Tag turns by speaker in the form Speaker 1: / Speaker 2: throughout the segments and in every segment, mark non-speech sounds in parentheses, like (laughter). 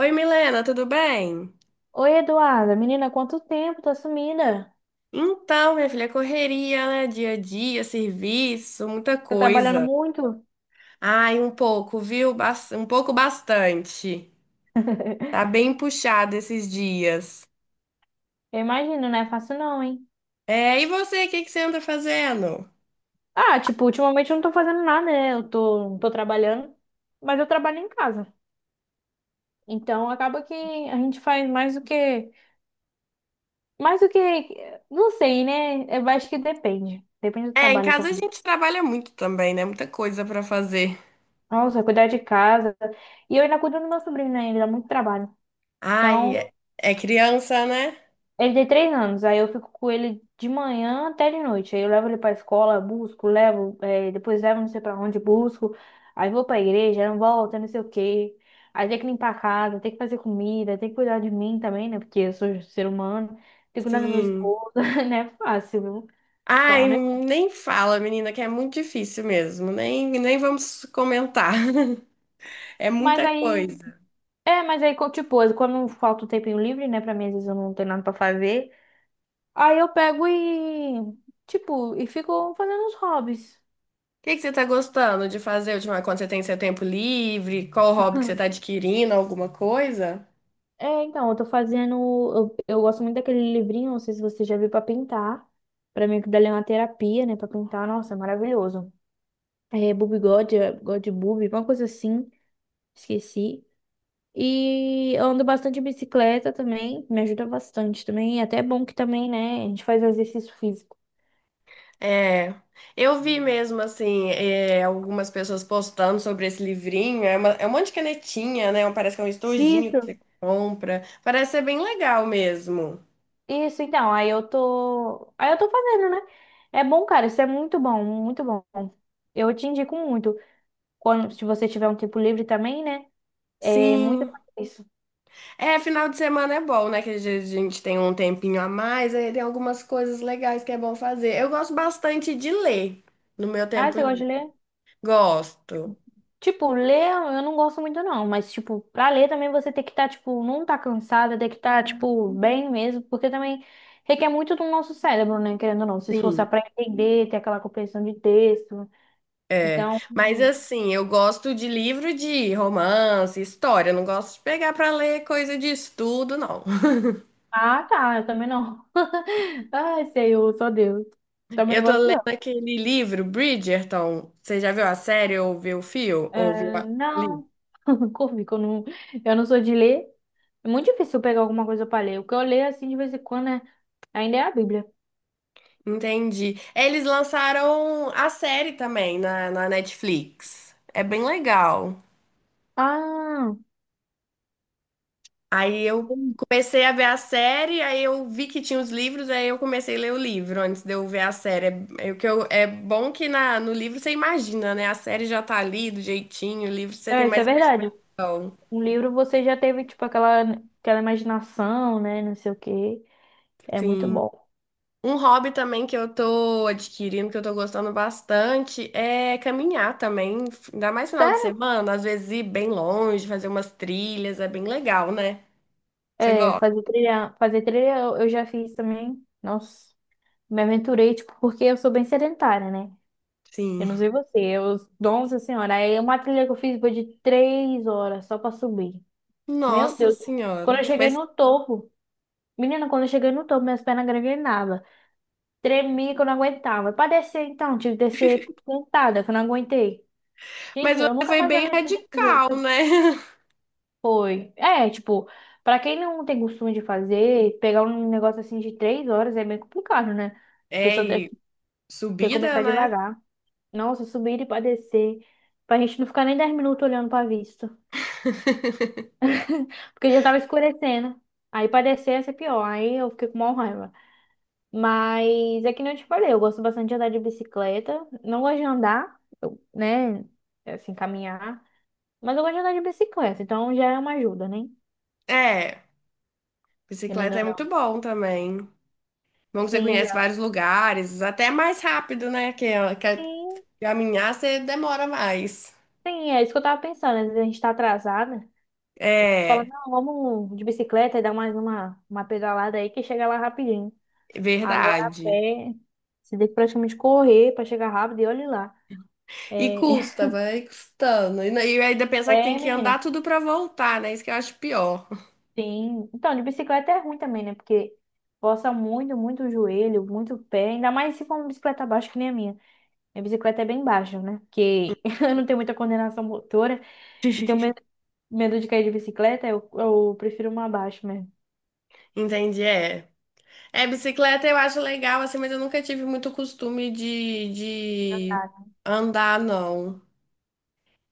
Speaker 1: Oi, Milena, tudo bem?
Speaker 2: Oi, Eduarda. Menina, quanto tempo? Tá sumida.
Speaker 1: Então, minha filha, correria, né? Dia a dia, serviço, muita
Speaker 2: Tá trabalhando
Speaker 1: coisa.
Speaker 2: muito?
Speaker 1: Ai, um pouco, viu? Um pouco bastante. Tá
Speaker 2: (laughs)
Speaker 1: bem puxado esses dias.
Speaker 2: Eu imagino, não é fácil não, hein?
Speaker 1: É, e você, o que que você anda fazendo?
Speaker 2: Ah, tipo, ultimamente eu não tô fazendo nada, né? Não tô trabalhando, mas eu trabalho em casa. Então acaba que a gente faz mais do que. Não sei, né? Eu acho que depende. Depende do
Speaker 1: É, em
Speaker 2: trabalho
Speaker 1: casa a
Speaker 2: também.
Speaker 1: gente trabalha muito também, né? Muita coisa pra fazer.
Speaker 2: Nossa, cuidar de casa. E eu ainda cuido do meu sobrinho, né? Ele dá muito trabalho.
Speaker 1: Ai,
Speaker 2: Então,
Speaker 1: é é criança, né?
Speaker 2: ele tem 3 anos, aí eu fico com ele de manhã até de noite. Aí eu levo ele pra escola, busco, levo, depois levo não sei pra onde, busco. Aí vou pra igreja, não volto, não sei o quê. Aí tem que limpar a casa, tem que fazer comida, tem que cuidar de mim também, né? Porque eu sou ser humano. Tem que cuidar do meu
Speaker 1: Sim.
Speaker 2: esposo, (laughs) né? É fácil, viu? Te falar,
Speaker 1: Ai,
Speaker 2: né?
Speaker 1: nem fala, menina, que é muito difícil mesmo. Nem vamos comentar. (laughs) É
Speaker 2: Mas
Speaker 1: muita
Speaker 2: aí,
Speaker 1: coisa.
Speaker 2: mas aí, tipo, quando falta um tempinho livre, né? Pra mim, às vezes eu não tenho nada pra fazer. Aí eu pego e, tipo, fico fazendo os hobbies.
Speaker 1: O que que você tá gostando de fazer ultimamente, quando você tem seu tempo livre? Qual hobby que você tá
Speaker 2: (laughs)
Speaker 1: adquirindo? Alguma coisa?
Speaker 2: É, então, eu tô fazendo. Eu gosto muito daquele livrinho, não sei se você já viu pra pintar. Pra mim, que dali é uma terapia, né? Pra pintar, nossa, é maravilhoso. É Bob God, é, God Boob, uma coisa assim, esqueci. E eu ando bastante de bicicleta também, me ajuda bastante também. E até é bom que também, né? A gente faz exercício físico.
Speaker 1: É, eu vi mesmo, assim, é, algumas pessoas postando sobre esse livrinho. É, é um monte de canetinha, né? Parece que é um estojinho que você
Speaker 2: Isso,
Speaker 1: compra. Parece ser bem legal mesmo.
Speaker 2: isso, então. Aí eu tô fazendo, né? É bom, cara, isso é muito bom, muito bom. Eu te indico muito. Quando, se você tiver um tempo livre também, né? É muito
Speaker 1: Sim.
Speaker 2: isso.
Speaker 1: É, final de semana é bom, né? Que às vezes a gente tem um tempinho a mais, aí tem algumas coisas legais que é bom fazer. Eu gosto bastante de ler no meu
Speaker 2: Ah,
Speaker 1: tempo
Speaker 2: você gosta de
Speaker 1: livre.
Speaker 2: ler?
Speaker 1: Gosto.
Speaker 2: Tipo, ler eu não gosto muito não, mas tipo, pra ler também você tem que estar, tipo, não tá cansada, tem que estar, tipo, bem mesmo, porque também requer muito do nosso cérebro, né, querendo ou não, se
Speaker 1: Sim.
Speaker 2: esforçar pra entender, ter aquela compreensão de texto.
Speaker 1: É,
Speaker 2: Então,
Speaker 1: mas assim, eu gosto de livro de romance, história, eu não gosto de pegar pra ler coisa de estudo, não. (laughs)
Speaker 2: ah, tá, eu também não. (laughs) Ai, Senhor, só Deus. Também
Speaker 1: Eu
Speaker 2: não
Speaker 1: tô
Speaker 2: gosto
Speaker 1: lendo
Speaker 2: não.
Speaker 1: aquele livro, Bridgerton. Você já viu a série ou viu o fio? Ou viu
Speaker 2: É,
Speaker 1: a... li?
Speaker 2: não, (laughs) Corvi, que eu não sou de ler. É muito difícil eu pegar alguma coisa pra ler. O que eu leio, assim, de vez em quando, é, ainda é a Bíblia.
Speaker 1: Entendi. Eles lançaram a série também na Netflix. É bem legal.
Speaker 2: Ah,
Speaker 1: Aí eu
Speaker 2: entendi.
Speaker 1: comecei a ver a série, aí eu vi que tinha os livros, aí eu comecei a ler o livro antes de eu ver a série. É, é o que é bom que na, no livro você imagina, né? A série já tá ali do jeitinho, o livro você tem
Speaker 2: É, isso é
Speaker 1: mais
Speaker 2: verdade.
Speaker 1: noção.
Speaker 2: Um livro você já teve, tipo, aquela, aquela imaginação, né? Não sei o quê. É muito
Speaker 1: Sim.
Speaker 2: bom.
Speaker 1: Um hobby também que eu tô adquirindo, que eu tô gostando bastante, é caminhar também. Ainda mais final de
Speaker 2: Sério?
Speaker 1: semana, às vezes ir bem longe, fazer umas trilhas, é bem legal, né? Você
Speaker 2: É,
Speaker 1: gosta?
Speaker 2: fazer trilha eu já fiz também. Nossa, me aventurei, tipo, porque eu sou bem sedentária, né? Eu
Speaker 1: Sim.
Speaker 2: não sei você, eu, nossa senhora, aí uma trilha que eu fiz foi de 3 horas só pra subir. Meu
Speaker 1: Nossa
Speaker 2: Deus, quando eu
Speaker 1: Senhora.
Speaker 2: cheguei no topo, menina, quando eu cheguei no topo, minhas pernas greguei nada. Tremia que eu não aguentava. Pra descer, então, tive que descer sentada, que eu não aguentei. Gente,
Speaker 1: Mas
Speaker 2: eu
Speaker 1: você
Speaker 2: nunca
Speaker 1: foi
Speaker 2: mais me
Speaker 1: bem
Speaker 2: aventurei desse
Speaker 1: radical,
Speaker 2: jeito.
Speaker 1: né? (laughs)
Speaker 2: Foi. É, tipo, pra quem não tem costume de fazer, pegar um negócio assim de 3 horas é meio complicado, né? A
Speaker 1: É,
Speaker 2: pessoa tem que
Speaker 1: e
Speaker 2: tem que
Speaker 1: subida,
Speaker 2: começar
Speaker 1: né?
Speaker 2: devagar. Nossa, subir e pra descer. Pra gente não ficar nem 10 minutos olhando pra vista.
Speaker 1: (laughs)
Speaker 2: Porque já tava escurecendo. Aí pra descer ia ser pior. Aí eu fiquei com maior raiva. Mas é que nem eu te falei, eu gosto bastante de andar de bicicleta. Não gosto de andar, eu- né? Assim, caminhar. Mas eu gosto de andar de bicicleta, então já é uma ajuda, né?
Speaker 1: É,
Speaker 2: Querendo
Speaker 1: bicicleta
Speaker 2: ou
Speaker 1: é muito
Speaker 2: não.
Speaker 1: bom também. Bom que você
Speaker 2: Sim,
Speaker 1: conhece
Speaker 2: já.
Speaker 1: vários lugares, até mais rápido, né? Que
Speaker 2: Sim,
Speaker 1: caminhar você demora mais.
Speaker 2: sim, é isso que eu tava pensando. Às vezes a gente tá atrasada. Fala,
Speaker 1: É,
Speaker 2: não, vamos de bicicleta e dar mais uma pedalada aí que chega lá rapidinho. Agora a
Speaker 1: verdade.
Speaker 2: pé, você tem que praticamente correr pra chegar rápido e olha lá.
Speaker 1: E
Speaker 2: É,
Speaker 1: custa,
Speaker 2: (laughs)
Speaker 1: vai custando. E, e ainda pensar que tem
Speaker 2: é,
Speaker 1: que andar
Speaker 2: menina,
Speaker 1: tudo pra voltar, né? Isso que eu acho pior.
Speaker 2: sim. Então, de bicicleta é ruim também, né? Porque força muito, muito o joelho, muito o pé. Ainda mais se for uma bicicleta baixa que nem a minha. Minha bicicleta é bem baixa, né? Porque (laughs) eu não tenho muita coordenação motora e tenho
Speaker 1: (laughs)
Speaker 2: medo, medo de cair de bicicleta, eu prefiro uma baixa mesmo.
Speaker 1: Entendi, é. É, bicicleta eu acho legal, assim, mas eu nunca tive muito costume de andar, não.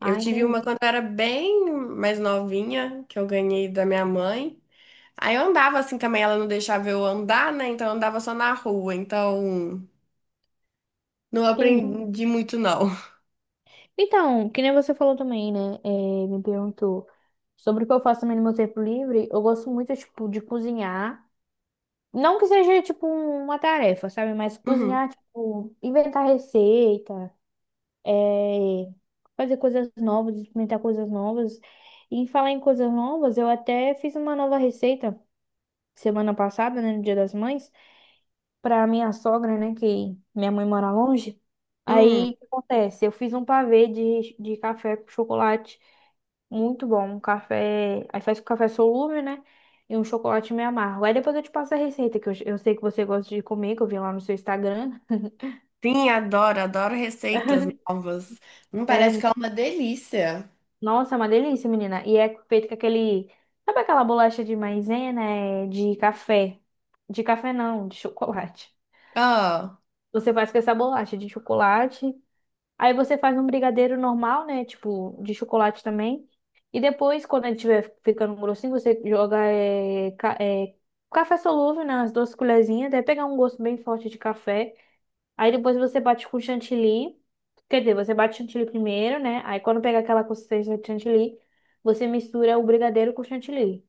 Speaker 1: Eu
Speaker 2: Ah,
Speaker 1: tive uma
Speaker 2: entendi.
Speaker 1: quando eu era bem mais novinha, que eu ganhei da minha mãe. Aí eu andava assim também, ela não deixava eu andar, né? Então eu andava só na rua. Então não
Speaker 2: Entendi.
Speaker 1: aprendi muito, não.
Speaker 2: Então, que nem você falou também, né? É, me perguntou sobre o que eu faço também no meu tempo livre. Eu gosto muito, tipo, de cozinhar. Não que seja, tipo, uma tarefa, sabe? Mas
Speaker 1: Uhum.
Speaker 2: cozinhar, tipo, inventar receita. É, fazer coisas novas, experimentar coisas novas. E em falar em coisas novas, eu até fiz uma nova receita semana passada, né, no Dia das Mães, para minha sogra, né, que minha mãe mora longe.
Speaker 1: Hum.
Speaker 2: Aí, o que acontece? Eu fiz um pavê de café com chocolate, muito bom, um café, aí faz com café solúvel, né, e um chocolate meio amargo. Aí depois eu te passo a receita, que eu sei que você gosta de comer, que eu vi lá no seu Instagram.
Speaker 1: Sim, adoro, adoro receitas novas.
Speaker 2: É,
Speaker 1: Parece que é uma delícia.
Speaker 2: nossa, é uma delícia, menina. E é feito com aquele. Sabe aquela bolacha de maisena? É de café. De café não, de chocolate.
Speaker 1: Ah,
Speaker 2: Você faz com essa bolacha de chocolate. Aí você faz um brigadeiro normal, né? Tipo, de chocolate também. E depois, quando ele estiver ficando grossinho, você joga café solúvel, né? As duas colherzinhas. Deve pegar um gosto bem forte de café. Aí depois você bate com chantilly. Quer dizer, você bate chantilly primeiro, né? Aí quando pega aquela consistência de chantilly, você mistura o brigadeiro com o chantilly.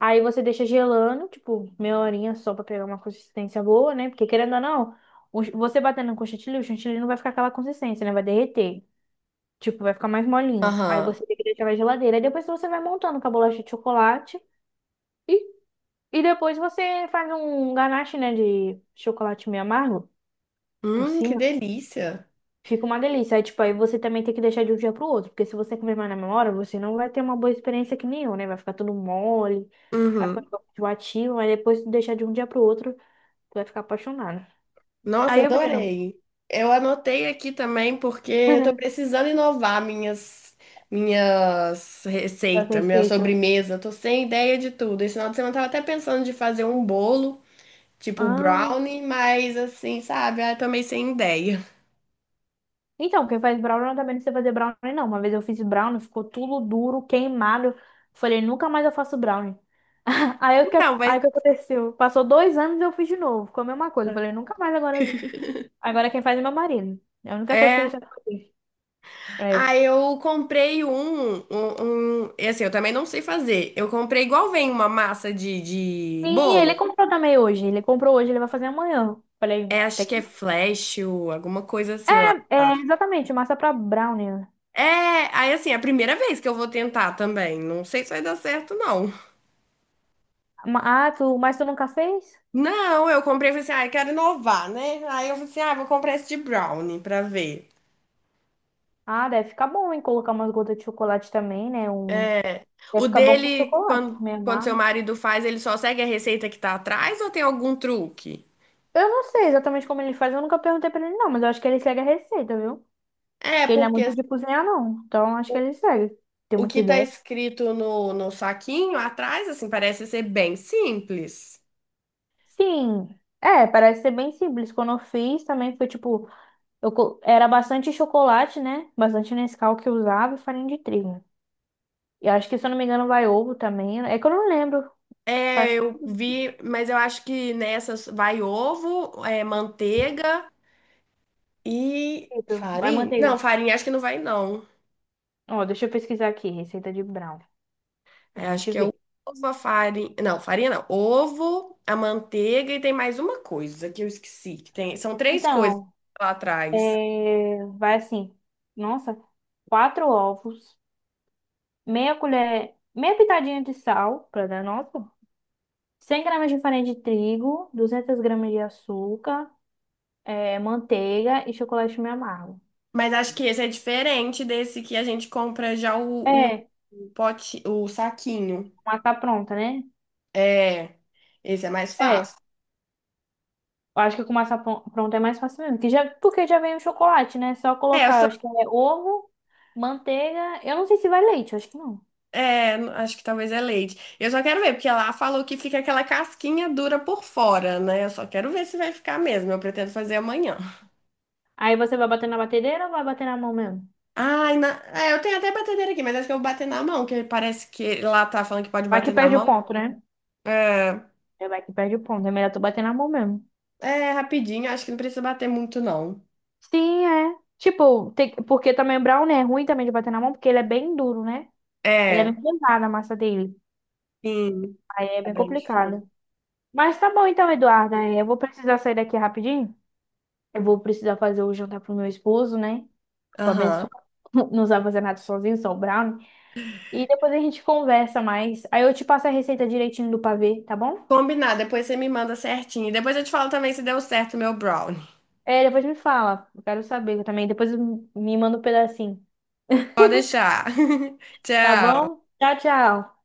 Speaker 2: Aí você deixa gelando, tipo, meia horinha só pra pegar uma consistência boa, né? Porque querendo ou não, o ch- você batendo com chantilly, o chantilly não vai ficar aquela consistência, né? Vai derreter. Tipo, vai ficar mais molinho. Aí
Speaker 1: aham.
Speaker 2: você tem que deixar na geladeira. Aí depois você vai montando com a bolacha de chocolate. E, e depois você faz um ganache, né? De chocolate meio amargo por
Speaker 1: Que
Speaker 2: cima.
Speaker 1: delícia.
Speaker 2: Fica uma delícia. Aí, tipo, aí você também tem que deixar de um dia pro outro, porque se você comer mais na memória, você não vai ter uma boa experiência que nem eu, né? Vai ficar tudo mole, vai ficar um
Speaker 1: Uhum.
Speaker 2: pouco enjoativo, mas depois de deixar de um dia pro outro, tu vai ficar apaixonada.
Speaker 1: Nossa,
Speaker 2: Aí, eu menino,
Speaker 1: adorei. Eu anotei aqui também porque eu tô
Speaker 2: (laughs)
Speaker 1: precisando inovar minhas
Speaker 2: das
Speaker 1: receitas, minha
Speaker 2: receitas.
Speaker 1: sobremesa. Eu tô sem ideia de tudo. Esse final de semana eu tava até pensando de fazer um bolo, tipo
Speaker 2: Ah,
Speaker 1: brownie, mas assim, sabe? Ah, eu tô meio sem ideia. (laughs)
Speaker 2: então, quem faz brownie também não sei fazer brownie, não. Uma vez eu fiz brownie, ficou tudo duro, queimado. Falei, nunca mais eu faço brownie. (laughs) Aí o que,
Speaker 1: Então, mas
Speaker 2: aí o que aconteceu? Passou 2 anos e eu fiz de novo. Ficou a mesma coisa. Falei, nunca mais agora. Agora quem faz é meu marido. É a única coisa que ele
Speaker 1: é.
Speaker 2: sabe fazer. É.
Speaker 1: Ah, eu comprei um. Assim, eu também não sei fazer. Eu comprei igual vem uma massa de
Speaker 2: Sim, ele
Speaker 1: bolo.
Speaker 2: comprou também hoje. Ele comprou hoje, ele vai fazer amanhã. Falei,
Speaker 1: É,
Speaker 2: até
Speaker 1: acho que é
Speaker 2: que.
Speaker 1: flash, ou alguma coisa assim, ó.
Speaker 2: É, exatamente, massa pra brownie. Né?
Speaker 1: É, aí assim, é a primeira vez que eu vou tentar também. Não sei se vai dar certo, não.
Speaker 2: Ma- Ah, mas tu nunca fez?
Speaker 1: Não, eu comprei e falei assim, ah, eu quero inovar, né? Aí eu falei assim, ah, vou comprar esse de brownie pra ver.
Speaker 2: Ah, deve ficar bom, hein? Colocar umas gotas de chocolate também, né? Um... Deve
Speaker 1: O
Speaker 2: ficar bom com
Speaker 1: dele,
Speaker 2: chocolate,
Speaker 1: quando,
Speaker 2: meio
Speaker 1: quando seu
Speaker 2: amargo.
Speaker 1: marido faz, ele só segue a receita que tá atrás ou tem algum truque?
Speaker 2: Eu não sei exatamente como ele faz, eu nunca perguntei pra ele, não, mas eu acho que ele segue a receita, viu?
Speaker 1: É,
Speaker 2: Ele não é
Speaker 1: porque
Speaker 2: muito de cozinhar, não. Então acho que ele segue. Tem
Speaker 1: o
Speaker 2: muita
Speaker 1: que tá
Speaker 2: ideia.
Speaker 1: escrito no saquinho atrás, assim, parece ser bem simples.
Speaker 2: Sim. É, parece ser bem simples. Quando eu fiz também foi tipo. Eu era bastante chocolate, né? Bastante Nescau que eu usava e farinha de trigo. E acho que, se eu não me engano, vai ovo também. É que eu não lembro.
Speaker 1: É,
Speaker 2: Faz...
Speaker 1: eu vi, mas eu acho que nessas vai ovo, é, manteiga. E
Speaker 2: sentido. Vai
Speaker 1: farinha? Não,
Speaker 2: manteiga.
Speaker 1: farinha acho que não vai, não.
Speaker 2: Ó, deixa eu pesquisar aqui, receita de brown, pra
Speaker 1: É, acho
Speaker 2: gente
Speaker 1: que é o
Speaker 2: ver.
Speaker 1: ovo, a farinha. Não, farinha não. Ovo, a manteiga e tem mais uma coisa que eu esqueci. Que tem... São três coisas
Speaker 2: Então,
Speaker 1: lá atrás.
Speaker 2: é, vai assim. Nossa, quatro ovos, meia colher, meia pitadinha de sal, pra dar nota. 100 gramas de farinha de trigo, 200 gramas de açúcar, é, manteiga e chocolate meio amargo.
Speaker 1: Mas acho que esse é diferente desse que a gente compra já
Speaker 2: É,
Speaker 1: o pote, o saquinho.
Speaker 2: mas tá pronta, né?
Speaker 1: É, esse é mais
Speaker 2: É, eu
Speaker 1: fácil.
Speaker 2: acho que com massa pronta é mais fácil mesmo. Que já, porque já vem o chocolate, né? Só
Speaker 1: É, eu
Speaker 2: colocar,
Speaker 1: só.
Speaker 2: eu acho que é ovo, manteiga. Eu não sei se vai leite, eu acho que não.
Speaker 1: É, acho que talvez é leite. Eu só quero ver, porque lá falou que fica aquela casquinha dura por fora, né? Eu só quero ver se vai ficar mesmo. Eu pretendo fazer amanhã.
Speaker 2: Aí você vai bater na batedeira ou vai bater na mão mesmo?
Speaker 1: Ai, na... é, eu tenho até batedeira aqui, mas acho que eu vou bater na mão, que parece que lá tá falando que pode
Speaker 2: Vai que
Speaker 1: bater na
Speaker 2: perde o
Speaker 1: mão.
Speaker 2: ponto, né?
Speaker 1: É,
Speaker 2: É, vai que perde o ponto. É melhor tu bater na mão mesmo.
Speaker 1: é rapidinho, acho que não precisa bater muito, não.
Speaker 2: Sim, é. Tipo, tem, porque também o brownie é ruim também de bater na mão, porque ele é bem duro, né? Ele é bem
Speaker 1: É,
Speaker 2: pesado a massa dele.
Speaker 1: sim.
Speaker 2: Aí é
Speaker 1: É
Speaker 2: bem
Speaker 1: bem difícil.
Speaker 2: complicado. Mas tá bom então, Eduarda. Eu vou precisar sair daqui rapidinho. Eu vou precisar fazer o jantar pro meu esposo, né? O
Speaker 1: Aham.
Speaker 2: abençoado (laughs) não sabe fazer nada (laughs) sozinho, só o brownie. E depois a gente conversa mais. Aí eu te passo a receita direitinho do pavê, tá bom?
Speaker 1: Combinado, depois você me manda certinho. Depois eu te falo também se deu certo o meu brownie.
Speaker 2: É, depois me fala. Eu quero saber também. Depois me manda um pedacinho. (laughs)
Speaker 1: Pode deixar. (laughs)
Speaker 2: Tá
Speaker 1: Tchau.
Speaker 2: bom? Tchau, tchau.